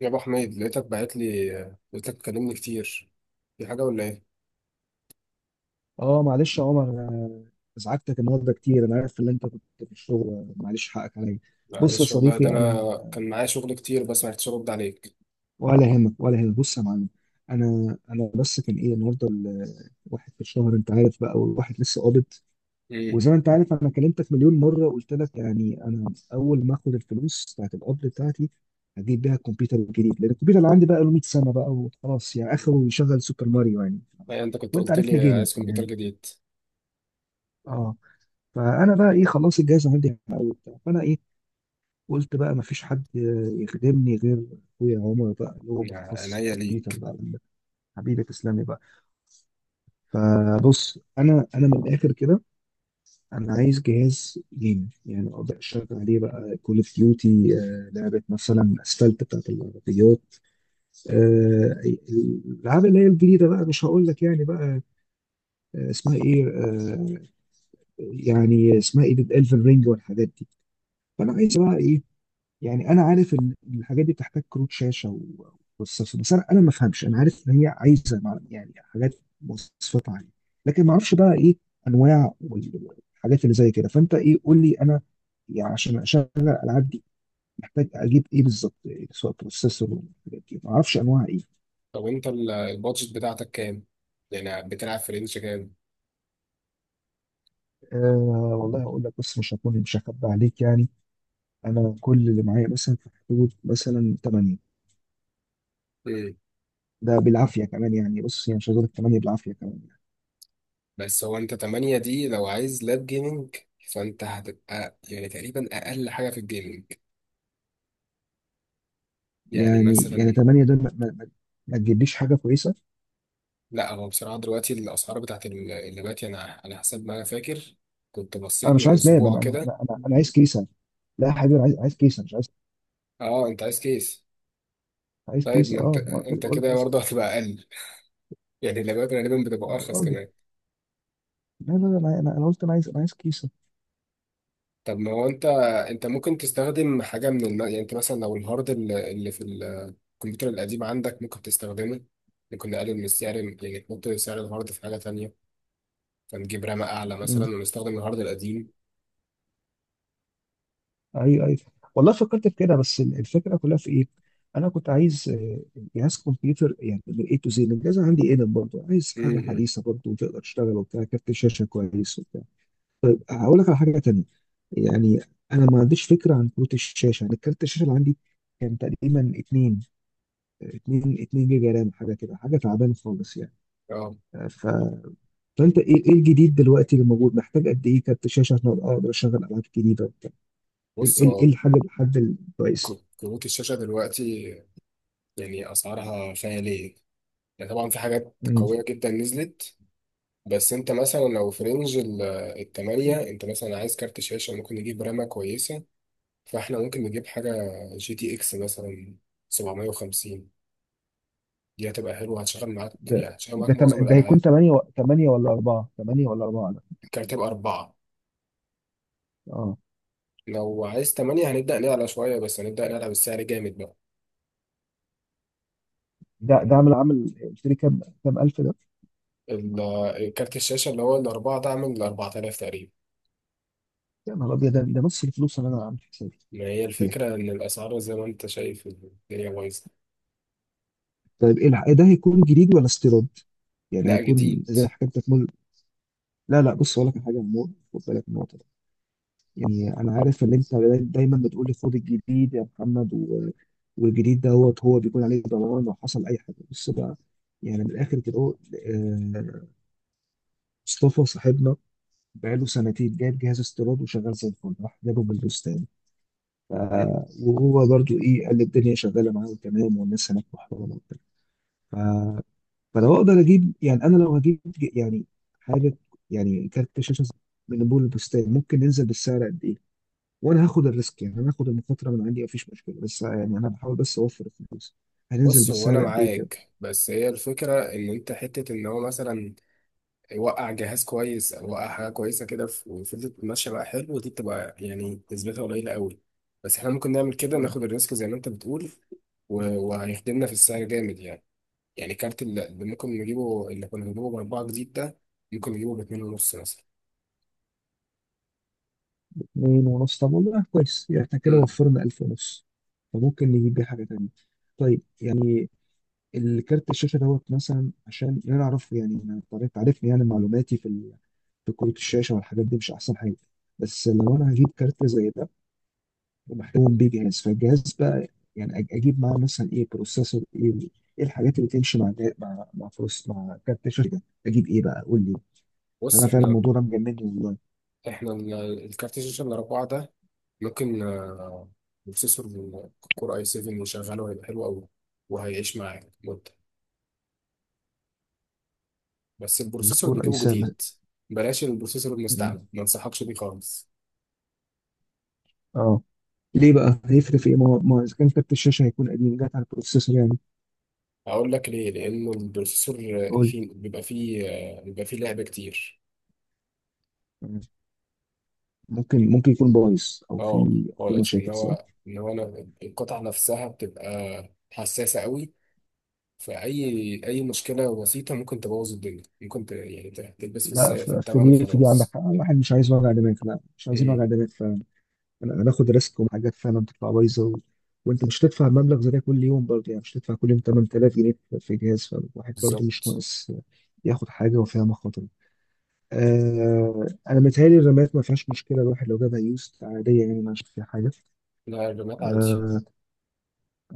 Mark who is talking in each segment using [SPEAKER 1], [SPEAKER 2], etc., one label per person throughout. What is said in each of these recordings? [SPEAKER 1] يا ابو حميد لقيتك باعت لي، لقيتك بتكلمني كتير. في حاجه ولا ايه؟
[SPEAKER 2] اه، معلش يا عمر، أنا ازعجتك النهارده كتير. انا عارف ان انت كنت في الشغل، معلش، حقك عليا. بص يا
[SPEAKER 1] معلش والله ده
[SPEAKER 2] صديقي،
[SPEAKER 1] انا كان معايا شغل كتير بس ما عرفتش ارد عليك.
[SPEAKER 2] ولا يهمك، ولا يهمك. بص يا معلم. انا بس كان ايه النهارده، الواحد في الشهر، انت عارف بقى، والواحد لسه قابض.
[SPEAKER 1] امم
[SPEAKER 2] وزي ما انت عارف، انا كلمتك مليون مره، قلت لك يعني انا اول ما اخد الفلوس بتاعت القبض بتاعتي، هجيب بيها الكمبيوتر الجديد، لان الكمبيوتر اللي عندي بقى له 100 سنه بقى، وخلاص يعني اخره يشغل سوبر ماريو يعني.
[SPEAKER 1] أي انت كنت
[SPEAKER 2] وانت
[SPEAKER 1] قلت
[SPEAKER 2] عارفني
[SPEAKER 1] لي
[SPEAKER 2] جيمر
[SPEAKER 1] عايز كمبيوتر
[SPEAKER 2] يعني.
[SPEAKER 1] جديد.
[SPEAKER 2] اه. فانا بقى ايه، خلاص الجهاز عندي قوي وبتاع، فانا ايه، قلت بقى مفيش حد يخدمني غير اخويا عمر، بقى اللي هو
[SPEAKER 1] يعني
[SPEAKER 2] متخصص في
[SPEAKER 1] عينيا
[SPEAKER 2] الكمبيوتر
[SPEAKER 1] ليك.
[SPEAKER 2] بقى. حبيبي، تسلمي بقى. فبص، انا من الاخر كده، انا عايز جهاز جيمنج، يعني اقدر اشتغل عليه بقى كول اوف ديوتي، لعبه مثلا اسفلت بتاعت العربيات، الالعاب اللي هي الجديده بقى، مش هقول لك يعني بقى، اسمها ايه، يعني اسمها ايه الفن رينج والحاجات دي. فانا عايز بقى ايه، يعني انا عارف ان الحاجات دي بتحتاج كروت شاشه وبروسيسور، بس انا ما افهمش، انا عارف ان هي عايزه يعني حاجات، مواصفات عاليه، لكن ما اعرفش بقى ايه انواع والحاجات اللي زي كده. فانت ايه، قول لي انا، يعني عشان اشغل الالعاب دي محتاج اجيب ايه بالظبط، إيه سواء بروسيسور والحاجات دي، ما اعرفش انواع ايه؟
[SPEAKER 1] طب انت البادجت بتاعتك كام؟ يعني بتلعب في رينج كام؟
[SPEAKER 2] أه، والله اقول لك، بس مش هخبي عليك يعني. انا كل اللي معايا مثلا في حدود مثلا 8.
[SPEAKER 1] امم
[SPEAKER 2] ده بالعافيه كمان يعني، بص يعني مش عايز اقول لك 8 بالعافيه كمان.
[SPEAKER 1] بس هو انت 8 دي لو عايز لاب جيمنج، فانت هتبقى يعني تقريبا اقل حاجه في الجيمنج. يعني
[SPEAKER 2] يعني
[SPEAKER 1] مثلا،
[SPEAKER 2] 8 دول ما ما تجيبليش حاجه كويسه.
[SPEAKER 1] لا هو بصراحة دلوقتي الأسعار بتاعت اللبات، يعني أنا على حسب ما أنا فاكر كنت
[SPEAKER 2] انا
[SPEAKER 1] بصيت
[SPEAKER 2] مش
[SPEAKER 1] من
[SPEAKER 2] عايز لاب،
[SPEAKER 1] أسبوع
[SPEAKER 2] انا انا
[SPEAKER 1] كده.
[SPEAKER 2] انا, أنا عايز كيسه. لا يا حبيبي، انا عايز كيسه، مش عايز.
[SPEAKER 1] أه أنت عايز كيس.
[SPEAKER 2] عايز
[SPEAKER 1] طيب
[SPEAKER 2] كيسه،
[SPEAKER 1] ما أنت
[SPEAKER 2] اه، ما قلت لك
[SPEAKER 1] أنت
[SPEAKER 2] بقول لك
[SPEAKER 1] كده
[SPEAKER 2] عايز.
[SPEAKER 1] برضه هتبقى أقل، يعني اللبات غالبا بتبقى
[SPEAKER 2] يا
[SPEAKER 1] أرخص
[SPEAKER 2] راجل،
[SPEAKER 1] كمان.
[SPEAKER 2] لا لا لا، انا انا أنا قلت انا عايز كيسه.
[SPEAKER 1] طب ما هو أنت، أنت ممكن تستخدم حاجة يعني أنت مثلا لو الهارد اللي الكمبيوتر القديم عندك ممكن تستخدمه، ممكن نقلل من السعر. يعني نحط سعر الهارد في حاجة تانية، فنجيب رامة أعلى
[SPEAKER 2] مم.
[SPEAKER 1] مثلا ونستخدم الهارد القديم.
[SPEAKER 2] ايوه، ايوه، والله فكرت في كده، بس الفكره كلها في ايه؟ انا كنت عايز جهاز كمبيوتر، يعني من اي تو زي الجهاز عندي، ايه برضه عايز
[SPEAKER 1] م-
[SPEAKER 2] حاجه
[SPEAKER 1] م.
[SPEAKER 2] حديثه برضه، وتقدر تشتغل وبتاع كارت شاشه كويس. هقول لك على حاجه تانية، يعني انا ما عنديش فكره عن كروت الشاشه، انا كارت الشاشه اللي عندي كان تقريبا 2 2 2 جيجا رام، حاجه كده، حاجه تعبانه خالص يعني.
[SPEAKER 1] أه.
[SPEAKER 2] ف... فانت ايه الجديد دلوقتي اللي موجود، محتاج قد ايه كارت شاشه عشان أبقى اقدر اشغل العاب جديده وبتاع، ايه
[SPEAKER 1] بص
[SPEAKER 2] إيه- إيه
[SPEAKER 1] هو
[SPEAKER 2] الحاجه الحد الكويس؟
[SPEAKER 1] كروت الشاشة دلوقتي يعني اسعارها خياليه. يعني طبعا في حاجات
[SPEAKER 2] مم.
[SPEAKER 1] قويه جدا نزلت، بس انت مثلا لو في رينج التمانية، انت مثلا عايز كارت شاشه ممكن نجيب رامه كويسه. فاحنا ممكن نجيب حاجه جي تي اكس مثلا 750، دي هتبقى حلوه هتشغل معاك،
[SPEAKER 2] ده
[SPEAKER 1] يعني هتشغل
[SPEAKER 2] ده
[SPEAKER 1] معاك
[SPEAKER 2] تم...
[SPEAKER 1] معظم
[SPEAKER 2] ده هيكون
[SPEAKER 1] الالعاب.
[SPEAKER 2] 8 8 ولا 4، 8 ولا 4 ده؟
[SPEAKER 1] الكارت يبقى اربعه،
[SPEAKER 2] اه.
[SPEAKER 1] لو عايز تمانية هنبدا نعلى شويه، بس هنبدا نعلى بالسعر جامد بقى.
[SPEAKER 2] ده
[SPEAKER 1] يعني
[SPEAKER 2] عامل قلت لي كام الف ده؟
[SPEAKER 1] ال- الكارت الشاشه اللي هو الاربعه ده عامل 4000 تقريبا.
[SPEAKER 2] يا نهار ابيض، ده نص الفلوس اللي انا عامل حسابي
[SPEAKER 1] ما هي
[SPEAKER 2] فيها.
[SPEAKER 1] الفكره ان الاسعار زي ما انت شايف الدنيا بايظه.
[SPEAKER 2] طيب، إيه ده، هيكون جديد ولا استيراد؟ يعني
[SPEAKER 1] لا
[SPEAKER 2] هيكون
[SPEAKER 1] جديد.
[SPEAKER 2] زي حاجه انت تمول؟ لا لا، بص اقول لك على حاجه يا عمور، خد بالك من النقطه دي، يعني انا عارف ان انت دايما بتقول لي خد الجديد يا محمد، والجديد دوت هو بيكون عليه ضمان لو حصل اي حاجه. بص بقى، يعني من الاخر كده أهو، آه، مصطفى صاحبنا بقاله سنتين جايب جهاز استيراد وشغال زي الفل، راح جابه من البستان، ف-
[SPEAKER 1] مم.
[SPEAKER 2] وهو برضو ايه، قال لي الدنيا شغاله معاه وتمام، والناس هناك محترمه وبتاع. فلو اقدر اجيب، يعني انا لو هجيب يعني حاجه، يعني كارت شاشه، من بول البستان، ممكن ننزل بالسعر قد ايه؟ وانا هاخد الريسك، يعني انا هاخد المخاطره من عندي، مفيش مشكله، بس يعني انا بحاول بس اوفر الفلوس. هننزل
[SPEAKER 1] بص هو انا
[SPEAKER 2] بالسعر قد ايه كده؟
[SPEAKER 1] معاك، بس هي الفكره ان انت حته ان هو مثلا يوقع جهاز كويس او يوقع حاجه كويسه كده وفضلت ماشيه بقى حلو، دي بتبقى يعني نسبتها قليله قوي. بس احنا ممكن نعمل كده
[SPEAKER 2] يعني
[SPEAKER 1] ناخد الريسك زي ما انت بتقول، وهيخدمنا في السعر جامد يعني. يعني كارت اللي ممكن نجيبه، اللي كنا بنجيبه باربعه جديد ده، ممكن نجيبه باتنين ونص مثلا.
[SPEAKER 2] اتنين ونص، طب والله كويس، يعني احنا كده
[SPEAKER 1] مم.
[SPEAKER 2] وفرنا الف ونص، فممكن نجيب بيه حاجه تانيه. طيب يعني، الكارت الشاشه دوت مثلا، عشان يعني انا اعرف، يعني انا عارفني، يعني معلوماتي في في كروت الشاشه والحاجات دي مش احسن حاجه. بس لو انا هجيب كارت زي ده ومحتوم بيه جهاز، فالجهاز بقى يعني اجيب معاه مثلا ايه، بروسيسور ايه، ايه الحاجات اللي تمشي مع مع فلوس، مع كارت الشاشه، اجيب ايه بقى؟ قول لي،
[SPEAKER 1] بص
[SPEAKER 2] انا فعلا
[SPEAKER 1] احنا
[SPEAKER 2] الموضوع ده مجنني والله.
[SPEAKER 1] احنا الكارت الشاشة الأربعة ده ممكن، بروسيسور كور اي 7 يشغله هيبقى حلو أوي، وهيعيش معاك مدة، بس البروسيسور اللي
[SPEAKER 2] الكور اي
[SPEAKER 1] نجيبه
[SPEAKER 2] سام؟
[SPEAKER 1] جديد. بلاش البروسيسور المستعمل ما انصحكش بيه خالص.
[SPEAKER 2] اه، ليه بقى، هيفرق في ايه؟ ما هو اذا كان كارت الشاشه هيكون قديم، جات على البروسيسور يعني.
[SPEAKER 1] أقول لك ليه، لأنه البروسيسور
[SPEAKER 2] قول لي.
[SPEAKER 1] فيه بيبقى فيه آه، بيبقى فيه لعب كتير.
[SPEAKER 2] مم. ممكن يكون بايظ او
[SPEAKER 1] اه
[SPEAKER 2] في
[SPEAKER 1] خالص، لأن
[SPEAKER 2] مشاكل، صح؟
[SPEAKER 1] هو إن هو أنا القطعة نفسها بتبقى حساسة أوي، فأي أي مشكلة بسيطة ممكن تبوظ الدنيا، يعني تلبس
[SPEAKER 2] لا،
[SPEAKER 1] في
[SPEAKER 2] في
[SPEAKER 1] التمن
[SPEAKER 2] دي في دي عندك
[SPEAKER 1] وخلاص.
[SPEAKER 2] حق، الواحد مش عايز وجع دماغ، لا مش عايزين وجع
[SPEAKER 1] ايه
[SPEAKER 2] دماغ. انا هناخد ريسك وحاجات فعلا تطلع بايظه، وانت مش هتدفع مبلغ زي ده كل يوم برضه يعني، مش هتدفع كل يوم 8000 جنيه في جهاز، فالواحد برضه مش
[SPEAKER 1] بالظبط.
[SPEAKER 2] ناقص ياخد حاجه وفيها مخاطر. آه، انا متهيألي الرمات ما فيهاش مشكله، الواحد لو جابها يوست عاديه يعني، ما عشان فيها حاجه.
[SPEAKER 1] لا الرماد عادي.
[SPEAKER 2] آه،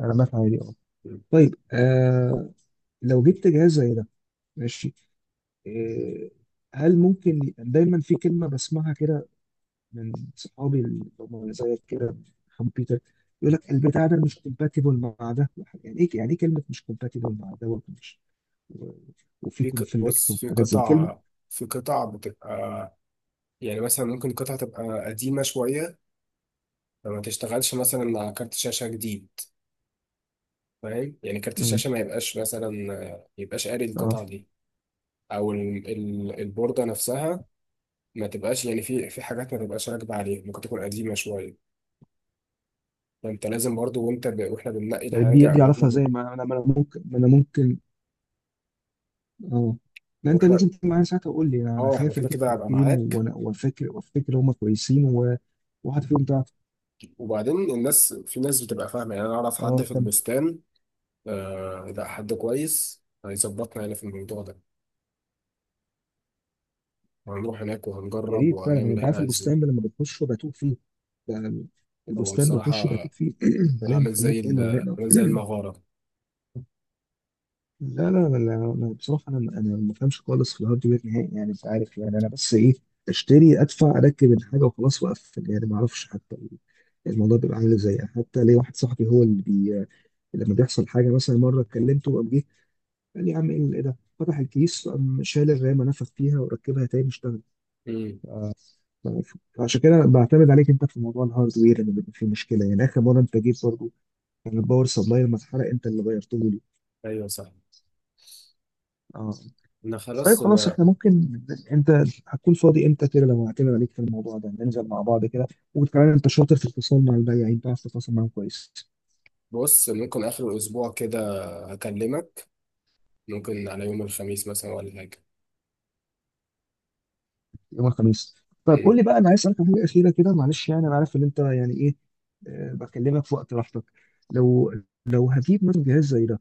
[SPEAKER 2] رمات عادي، اه.
[SPEAKER 1] مم.
[SPEAKER 2] طيب، آه، لو جبت جهاز زي ده، ماشي، آه، هل ممكن، دايما في كلمه بسمعها كده من صحابي اللي هم زيك كده، كمبيوتر، يقول لك البتاع ده مش كومباتيبل مع ده. يعني ايه كلمه مش كومباتيبل مع ده، ومش و- وفي كونفليكت
[SPEAKER 1] بص في
[SPEAKER 2] وحاجات زي كلمه؟
[SPEAKER 1] قطع، في قطع بتبقى يعني مثلا ممكن قطعة تبقى قديمة شوية، فما تشتغلش مثلا على كارت شاشة جديد. فاهم؟ يعني كارت
[SPEAKER 2] مم.
[SPEAKER 1] الشاشة ما يبقاش مثلا ما يبقاش قاري
[SPEAKER 2] اه،
[SPEAKER 1] القطعة دي. أو البوردة نفسها ما تبقاش يعني، في في حاجات ما تبقاش راكبة عليها ممكن تكون قديمة شوية. فأنت لازم برضو وإحنا بننقي
[SPEAKER 2] طيب، دي
[SPEAKER 1] الحاجة
[SPEAKER 2] دي
[SPEAKER 1] أو إحنا
[SPEAKER 2] اعرفها،
[SPEAKER 1] ب...
[SPEAKER 2] زي ما انا، ما انا ممكن، ما انا ممكن. اه، لا انت
[SPEAKER 1] وإحنا
[SPEAKER 2] لازم تيجي معايا ساعتها وقول لي، أنا
[SPEAKER 1] آه، إحنا
[SPEAKER 2] خايف
[SPEAKER 1] كده
[SPEAKER 2] اجيب
[SPEAKER 1] كده هبقى
[SPEAKER 2] حاجتين،
[SPEAKER 1] معاك.
[SPEAKER 2] وانا وافكر وافتكر هم كويسين وواحد فيهم ضعف.
[SPEAKER 1] وبعدين الناس، في ناس بتبقى فاهمة، يعني أنا أعرف حد
[SPEAKER 2] اه،
[SPEAKER 1] في
[SPEAKER 2] كم.
[SPEAKER 1] البستان. آه لا حد كويس هيظبطنا يعني في الموضوع ده، وهنروح هناك
[SPEAKER 2] يا
[SPEAKER 1] وهنجرب
[SPEAKER 2] ريت فعلا،
[SPEAKER 1] وهنعمل
[SPEAKER 2] يعني
[SPEAKER 1] اللي
[SPEAKER 2] انت
[SPEAKER 1] إحنا
[SPEAKER 2] عارف
[SPEAKER 1] عايزينه.
[SPEAKER 2] البستان ده لما بتخش وبتوه فيه، ب-
[SPEAKER 1] هو
[SPEAKER 2] البستان بخش
[SPEAKER 1] بصراحة
[SPEAKER 2] بتوه فيه. بلاقي
[SPEAKER 1] عامل زي
[SPEAKER 2] محلات هنا وهنا.
[SPEAKER 1] عامل زي المغارة.
[SPEAKER 2] لا لا لا لا، أنا بصراحة، أنا ما بفهمش خالص في الهاردوير نهائي يعني، أنت عارف، يعني أنا بس إيه، أشتري، أدفع، أركب الحاجة وخلاص وأقفل يعني، ما أعرفش حتى الموضوع بيبقى عامل إزاي يعني. حتى ليه، واحد صاحبي هو اللي لما بيحصل حاجة مثلا، مرة كلمته وقام جه، قال لي يا عم، إيه ده، فتح الكيس، قام شال الرامة، نفخ فيها وركبها تاني اشتغل.
[SPEAKER 1] امم
[SPEAKER 2] فعشان كده أنا بعتمد عليك أنت في موضوع الهاردوير لما بيبقى فيه مشكلة، يعني آخر مرة أنت جيت برضه، الباور سبلاي لما اتحرق، انت اللي غيرته لي.
[SPEAKER 1] أيوه صح.
[SPEAKER 2] اه،
[SPEAKER 1] أنا
[SPEAKER 2] طيب
[SPEAKER 1] خلاص
[SPEAKER 2] خلاص، احنا ممكن، انت هتكون فاضي امتى كده لو هعتمد عليك في الموضوع ده، ننزل مع بعض كده؟ وكمان انت شاطر في التواصل مع البياعين، بتعرف تتواصل معاهم كويس.
[SPEAKER 1] بص ممكن آخر الأسبوع كده أكلمك، ممكن على يوم الخميس مثلا ولا حاجة.
[SPEAKER 2] يوم الخميس؟ طيب قول
[SPEAKER 1] امم
[SPEAKER 2] لي بقى، انا عايز اسالك على حاجه اخيره كده، معلش يعني انا عارف ان انت يعني ايه، بكلمك في وقت راحتك. لو، لو هجيب مثلا جهاز زي ده،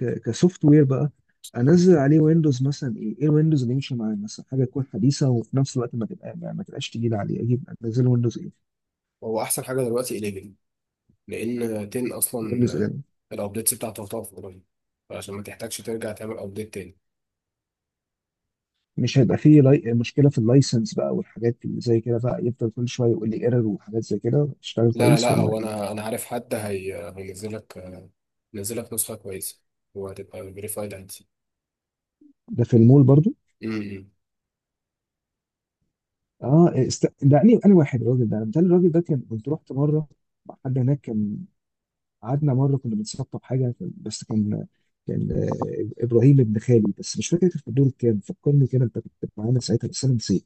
[SPEAKER 2] كسوفت وير بقى، انزل عليه ويندوز مثلا ايه الويندوز اللي يمشي معايا مثلا، حاجه تكون حديثه وفي نفس الوقت ما تبقى ما ما تبقاش تقيله عليه، اجيب انزل ويندوز؟
[SPEAKER 1] هو أحسن حاجة دلوقتي 11، لأن 10
[SPEAKER 2] يقول لي
[SPEAKER 1] أصلا
[SPEAKER 2] زلمه،
[SPEAKER 1] الأبديتس بتاعته هتقف قريب، عشان ما تحتاجش ترجع تعمل أبديت تاني.
[SPEAKER 2] مش هيبقى فيه مشكله في اللايسنس بقى والحاجات اللي زي كده، بقى يفضل كل شويه يقول لي ايرور وحاجات زي كده، تشتغل
[SPEAKER 1] لا لا
[SPEAKER 2] كويس
[SPEAKER 1] لا
[SPEAKER 2] ولا
[SPEAKER 1] هو
[SPEAKER 2] ايه؟
[SPEAKER 1] انا انا عارف حد هي هينزل لك، هينزل لك نسخه كويسه، وهتبقى فيريفايد عادي.
[SPEAKER 2] ده في المول برضو؟
[SPEAKER 1] امم
[SPEAKER 2] اه، ده انا واحد، الراجل ده، الراجل ده كان، كنت رحت مره مع حد هناك كان، قعدنا مره كنا بنسطب حاجه، بس كان، كان ابراهيم ابن خالي، بس مش فاكر كان في الدور الكام، فكرني كده انت كنت معانا ساعتها بس انا نسيت.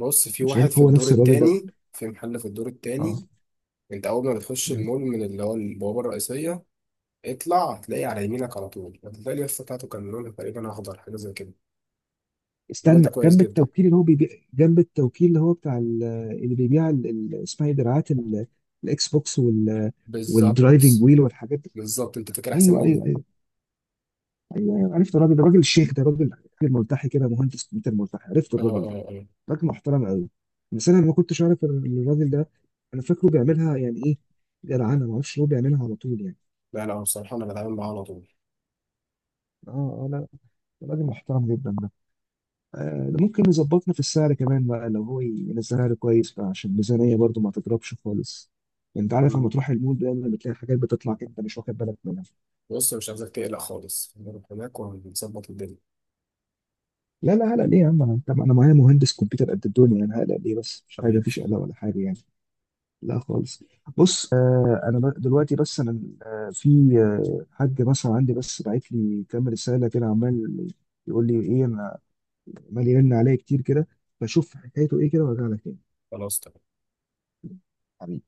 [SPEAKER 1] بص في
[SPEAKER 2] مش
[SPEAKER 1] واحد
[SPEAKER 2] عارف
[SPEAKER 1] في
[SPEAKER 2] هو
[SPEAKER 1] الدور
[SPEAKER 2] نفس الراجل ده.
[SPEAKER 1] التاني، في محل في الدور
[SPEAKER 2] اه،
[SPEAKER 1] التاني. انت اول ما بتخش المول من اللي هو البوابه الرئيسيه، اطلع هتلاقي على يمينك على طول، هتلاقي اليافطه بتاعته كان لونها تقريبا اخضر حاجه زي كده. الراجل
[SPEAKER 2] استنى،
[SPEAKER 1] ده كويس
[SPEAKER 2] جنب
[SPEAKER 1] جدا.
[SPEAKER 2] التوكيل اللي هو بيبيع، جنب التوكيل اللي هو بتاع اللي بيبيع اسمها ايه، دراعات الاكس بوكس وال والدرايفنج
[SPEAKER 1] بالظبط.
[SPEAKER 2] ويل والحاجات دي.
[SPEAKER 1] بالظبط انت فاكر احسن
[SPEAKER 2] ايوه،
[SPEAKER 1] مني.
[SPEAKER 2] ايوه، ايوه، ايوه، أيوة. عرفت الراجل ده، راجل الشيخ ده، راجل، راجل ملتحي كده، مهندس كمبيوتر ملتحي، عرفت
[SPEAKER 1] اه
[SPEAKER 2] الراجل ده؟
[SPEAKER 1] اه اه.
[SPEAKER 2] راجل محترم قوي، بس انا ما كنتش اعرف إن الراجل ده، انا فاكره بيعملها يعني، ايه جدعانه، ما اعرفش هو بيعملها على طول يعني؟
[SPEAKER 1] لا لا بصراحه انا بتعامل معاه على طول.
[SPEAKER 2] اه. اه. لا، راجل محترم جدا. ده ممكن يظبطنا في السعر كمان بقى، لو هو ينزلها لي كويس بقى، عشان الميزانية برضو ما تضربش خالص. انت عارف لما
[SPEAKER 1] مم.
[SPEAKER 2] تروح المول دايما بتلاقي حاجات بتطلع كده انت مش واخد بالك منها.
[SPEAKER 1] بص مش عايزك تقلق خالص، هنروح هناك وهنظبط الدنيا.
[SPEAKER 2] لا لا، هلا ليه يا عم؟ انا، طب انا معايا مهندس كمبيوتر قد الدنيا، انا هلا ليه بس، مش حاجه،
[SPEAKER 1] حبيبي
[SPEAKER 2] مفيش قلق ولا حاجه يعني. لا خالص. بص، انا دلوقتي، بس انا في حاج مثلا عندي، بس بعت لي كام رساله كده، عمال يقول لي ايه، انا عمال يرن عليا كتير كده، بشوف حكايته ايه كده وارجع لك تاني.
[SPEAKER 1] خلاص تمام.
[SPEAKER 2] حبيبي.